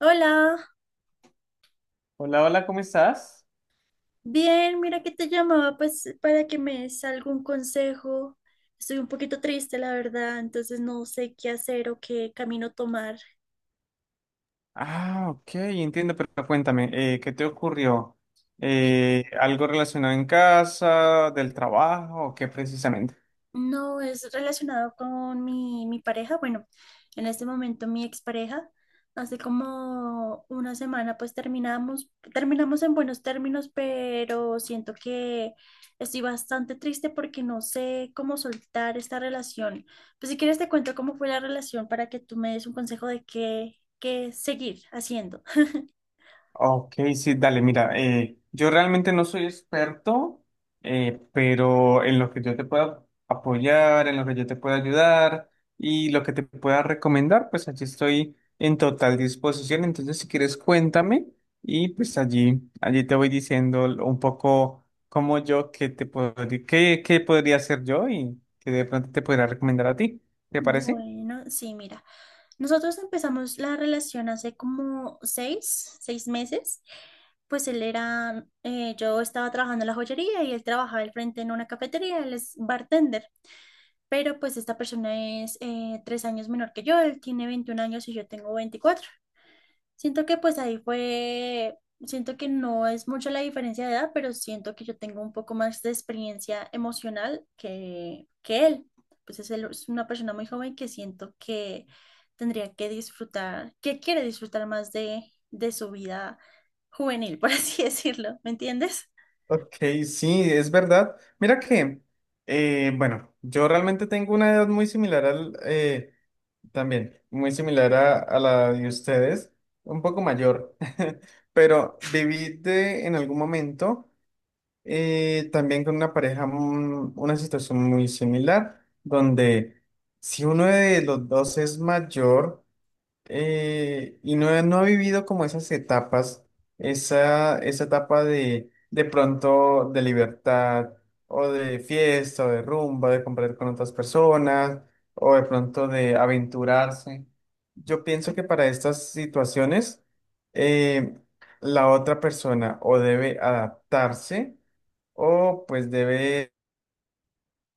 Hola, Hola, hola, ¿cómo estás? bien, mira que te llamaba pues para que me des algún consejo. Estoy un poquito triste, la verdad, entonces no sé qué hacer o qué camino tomar. Ah, ok, entiendo, pero cuéntame, ¿qué te ocurrió? ¿Algo relacionado en casa, del trabajo, o qué precisamente? No es relacionado con mi pareja. Bueno, en este momento mi expareja. Hace como una semana pues terminamos en buenos términos, pero siento que estoy bastante triste porque no sé cómo soltar esta relación. Pues si quieres te cuento cómo fue la relación para que tú me des un consejo de qué seguir haciendo. Ok, sí, dale, mira, yo realmente no soy experto, pero en lo que yo te pueda apoyar, en lo que yo te pueda ayudar y lo que te pueda recomendar, pues allí estoy en total disposición. Entonces, si quieres, cuéntame y pues allí te voy diciendo un poco cómo yo, qué te puedo, qué podría hacer yo y que de pronto te podría recomendar a ti. ¿Te parece? Bueno, sí, mira. Nosotros empezamos la relación hace como seis meses. Yo estaba trabajando en la joyería y él trabajaba al frente en una cafetería, él es bartender, pero pues esta persona es 3 años menor que yo, él tiene 21 años y yo tengo 24. Siento que pues ahí fue, siento que no es mucho la diferencia de edad, pero siento que yo tengo un poco más de experiencia emocional que él. Él es una persona muy joven que siento que tendría que disfrutar, que quiere disfrutar más de su vida juvenil, por así decirlo, ¿me entiendes? Ok, sí, es verdad. Mira que, bueno, yo realmente tengo una edad muy similar al, también, muy similar a la de ustedes, un poco mayor, pero viví en algún momento también con una pareja, una situación muy similar, donde si uno de los dos es mayor, y no, no ha vivido como esas etapas, esa etapa de pronto de libertad o de fiesta o de rumba, de compartir con otras personas o de pronto de aventurarse. Yo pienso que para estas situaciones eh, la otra persona o debe adaptarse o pues debe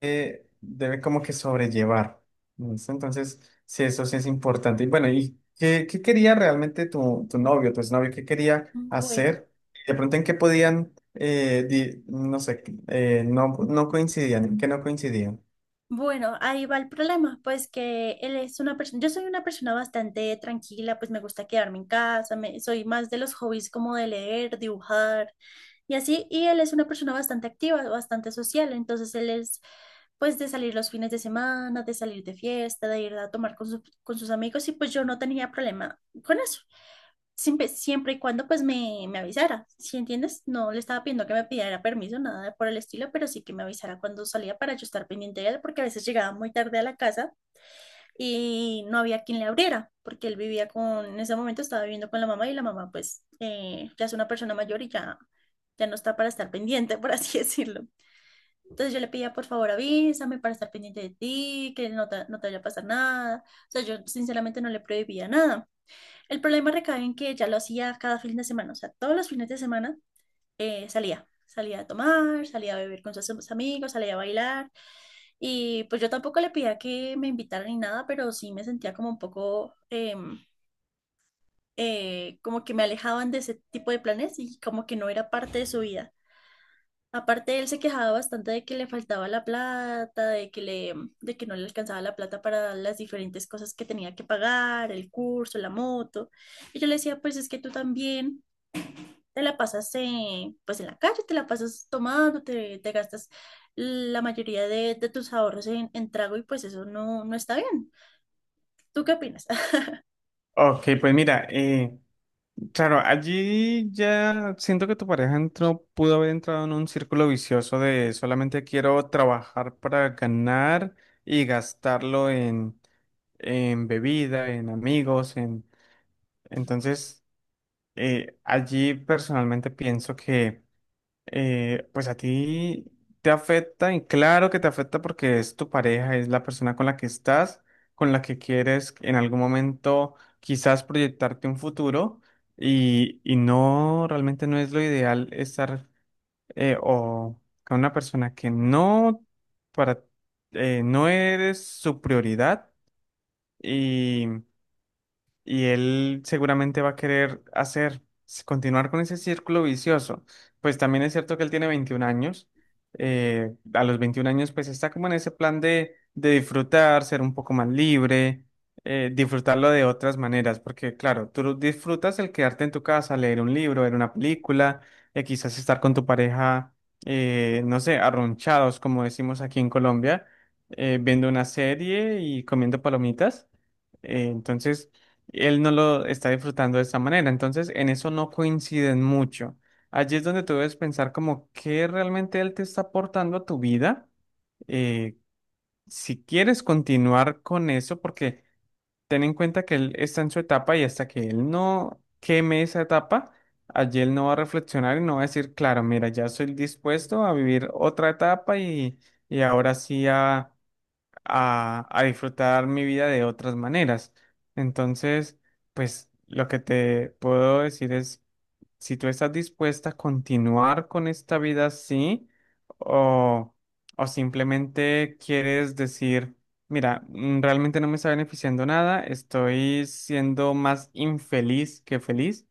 debe como que sobrellevar. ¿Listo? Entonces, sí, eso sí es importante. Y bueno, ¿y qué, qué quería realmente tu novio, tu exnovio? ¿Qué quería Bueno. hacer? De pronto, ¿en qué podían, no sé, no coincidían? ¿En qué no coincidían? Bueno, ahí va el problema, pues que él es una persona, yo soy una persona bastante tranquila, pues me gusta quedarme en casa, soy más de los hobbies como de leer, dibujar y así, y él es una persona bastante activa, bastante social, entonces él es pues de salir los fines de semana, de salir de fiesta, de ir a tomar con sus amigos y pues yo no tenía problema con eso siempre y cuando pues me avisara, ¿sí entiendes? No le estaba pidiendo que me pidiera permiso, nada de por el estilo, pero sí que me avisara cuando salía para yo estar pendiente de él, porque a veces llegaba muy tarde a la casa y no había quien le abriera, porque él vivía en ese momento estaba viviendo con la mamá y la mamá pues ya es una persona mayor y ya no está para estar pendiente, por así decirlo. Entonces yo le pedía, por favor, avísame para estar pendiente de ti, que no te vaya a pasar nada. O sea, yo sinceramente no le prohibía nada el problema recae en que ya lo hacía cada fin de semana, o sea, todos los fines de semana salía a tomar, salía a beber con sus amigos, salía a bailar. Y pues yo tampoco le pedía que me invitaran ni nada, pero sí me sentía como un poco, como que me alejaban de ese tipo de planes y como que no era parte de su vida. Aparte, él se quejaba bastante de que le faltaba la plata, de que no le alcanzaba la plata para las diferentes cosas que tenía que pagar, el curso, la moto. Y yo le decía, pues es que tú también te la pasas pues en la calle, te la pasas tomando, te gastas la mayoría de tus ahorros en trago y pues eso no, no está bien. ¿Tú qué opinas? Ok, pues mira, claro, allí ya siento que tu pareja entró, pudo haber entrado en un círculo vicioso de solamente quiero trabajar para ganar y gastarlo en bebida, en amigos, en... Entonces, allí personalmente pienso que, pues a ti te afecta, y claro que te afecta porque es tu pareja, es la persona con la que estás, con la que quieres en algún momento quizás proyectarte un futuro, y no, realmente no es lo ideal estar o con una persona que no, para, no eres su prioridad. Y él seguramente va a querer hacer, continuar con ese círculo vicioso. Pues también es cierto que él tiene 21 años. A los 21 años, pues está como en ese plan de disfrutar, ser un poco más libre, disfrutarlo de otras maneras. Porque, claro, tú disfrutas el quedarte en tu casa, leer un libro, ver una película, quizás estar con tu pareja, no sé, arronchados, como decimos aquí en Colombia, viendo una serie y comiendo palomitas. Entonces él no lo está disfrutando de esta manera. Entonces, en eso no coinciden mucho. Allí es donde tú debes pensar como qué realmente él te está aportando a tu vida. Eh, si quieres continuar con eso, porque ten en cuenta que él está en su etapa y hasta que él no queme esa etapa, allí él no va a reflexionar y no va a decir, claro, mira, ya estoy dispuesto a vivir otra etapa y ahora sí a disfrutar mi vida de otras maneras. Entonces, pues lo que te puedo decir es, si tú estás dispuesta a continuar con esta vida así o, o simplemente quieres decir, mira, realmente no me está beneficiando nada, estoy siendo más infeliz que feliz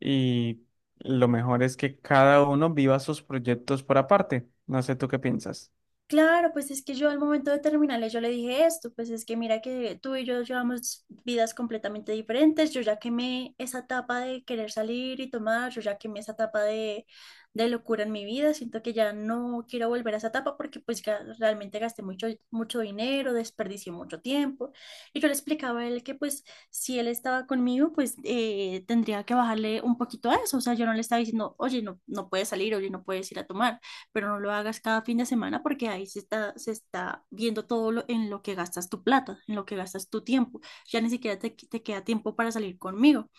y lo mejor es que cada uno viva sus proyectos por aparte. No sé tú qué piensas. Claro, pues es que yo al momento de terminarle yo le dije esto, pues es que mira que tú y yo llevamos vidas completamente diferentes, yo ya quemé esa etapa de querer salir y tomar, yo ya quemé esa etapa de locura en mi vida, siento que ya no quiero volver a esa etapa porque pues realmente gasté mucho, mucho dinero, desperdicié mucho tiempo y yo le explicaba a él que pues si él estaba conmigo pues tendría que bajarle un poquito a eso, o sea, yo no le estaba diciendo, oye, no, no puedes salir, oye, no puedes ir a tomar pero no lo hagas cada fin de semana porque ahí se está viendo en lo que gastas tu plata, en lo que gastas tu tiempo. Ya ni siquiera te queda tiempo para salir conmigo.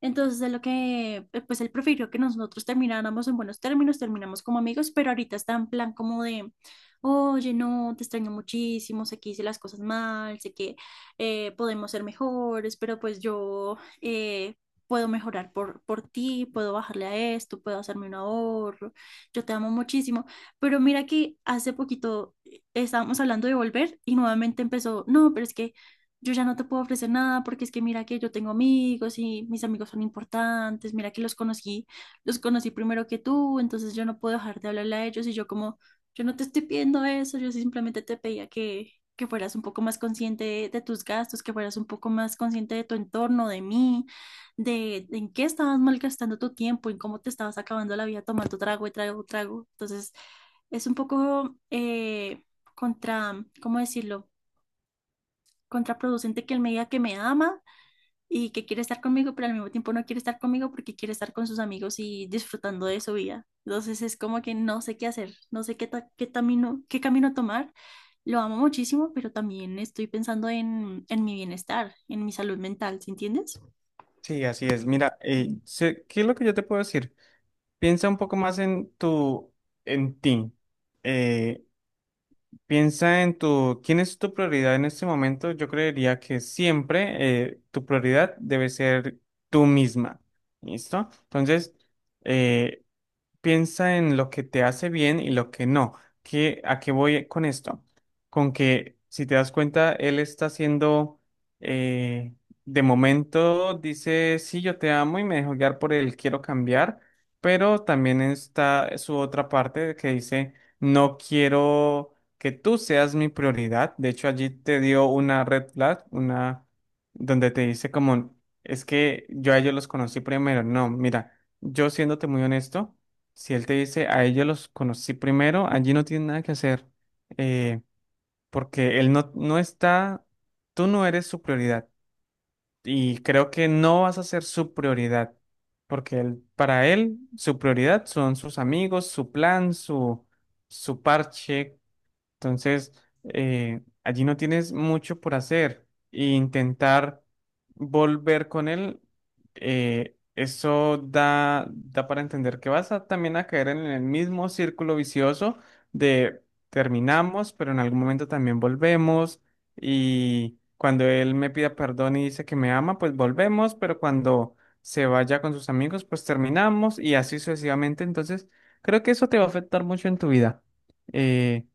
Entonces, pues él prefirió que nosotros termináramos en buenos términos, terminamos como amigos, pero ahorita está en plan como de, oye, no, te extraño muchísimo, sé que hice las cosas mal, sé que podemos ser mejores, pero pues yo puedo mejorar por ti, puedo bajarle a esto, puedo hacerme un ahorro, yo te amo muchísimo. Pero mira que hace poquito estábamos hablando de volver y nuevamente empezó, no, pero es que yo ya no te puedo ofrecer nada porque es que mira que yo tengo amigos y mis amigos son importantes, mira que los conocí, primero que tú, entonces yo no puedo dejar de hablarle a ellos y yo como, yo no te estoy pidiendo eso, yo simplemente te pedía que fueras un poco más consciente de tus gastos, que fueras un poco más consciente de tu entorno, de mí, de en qué estabas malgastando tu tiempo, en cómo te estabas acabando la vida tomando trago y trago, trago. Entonces, es un poco contra, ¿cómo decirlo? Contraproducente que él me diga que me ama y que quiere estar conmigo, pero al mismo tiempo no quiere estar conmigo porque quiere estar con sus amigos y disfrutando de su vida. Entonces es como que no sé qué hacer, no sé qué camino tomar. Lo amo muchísimo, pero también estoy pensando en mi bienestar, en mi salud mental, ¿sí entiendes? Sí, así es. Mira, ¿qué es lo que yo te puedo decir? Piensa un poco más en tu, en ti. Eh, piensa en tu, ¿quién es tu prioridad en este momento? Yo creería que siempre tu prioridad debe ser tú misma. ¿Listo? Entonces, eh, piensa en lo que te hace bien y lo que no. ¿Qué, a qué voy con esto? Con que si te das cuenta, él está haciendo, eh, de momento dice, sí, yo te amo y me dejo guiar por él, quiero cambiar, pero también está su otra parte que dice, no quiero que tú seas mi prioridad. De hecho, allí te dio una red flag, una donde te dice como, es que yo a ellos los conocí primero. No, mira, yo siéndote muy honesto. Si él te dice, a ellos los conocí primero, allí no tiene nada que hacer, eh, porque él no está, tú no eres su prioridad y creo que no vas a ser su prioridad, porque él, para él su prioridad son sus amigos, su plan, su parche entonces, allí no tienes mucho por hacer e intentar volver con él, eso da para entender que vas a, también a caer en el mismo círculo vicioso de terminamos, pero en algún momento también volvemos y cuando él me pida perdón y dice que me ama, pues volvemos, pero cuando se vaya con sus amigos, pues terminamos y así sucesivamente. Entonces, creo que eso te va a afectar mucho en tu vida. Eh,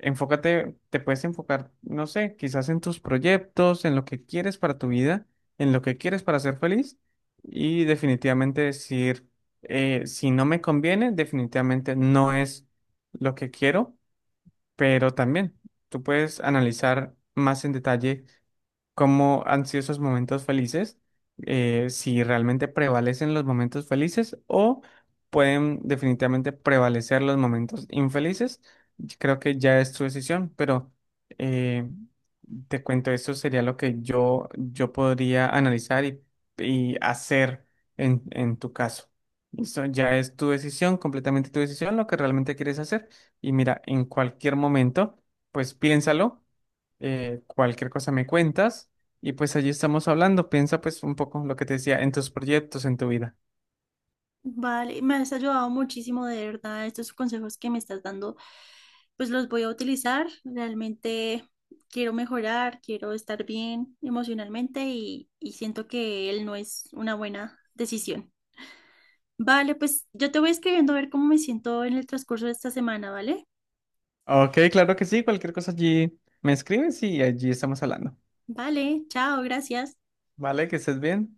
Te puedes enfocar, no sé, quizás en tus proyectos, en lo que quieres para tu vida, en lo que quieres para ser feliz y definitivamente decir, si no me conviene, definitivamente no es lo que quiero, pero también tú puedes analizar más en detalle cómo han sido esos momentos felices, si realmente prevalecen los momentos felices o pueden definitivamente prevalecer los momentos infelices. Creo que ya es tu decisión, pero eh, te cuento, eso sería lo que yo podría analizar y hacer en tu caso. Eso ya es tu decisión, completamente tu decisión, lo que realmente quieres hacer. Y mira, en cualquier momento, pues piénsalo cualquier cosa me cuentas y pues allí estamos hablando. Piensa pues un poco lo que te decía en tus proyectos, en tu vida. Vale, me has ayudado muchísimo, de verdad. Estos consejos que me estás dando, pues los voy a utilizar. Realmente quiero mejorar, quiero estar bien emocionalmente y siento que él no es una buena decisión. Vale, pues yo te voy escribiendo a ver cómo me siento en el transcurso de esta semana, ¿vale? Ok, claro que sí, cualquier cosa allí me escribes y allí estamos hablando. Vale, chao, gracias. Vale, que estés bien.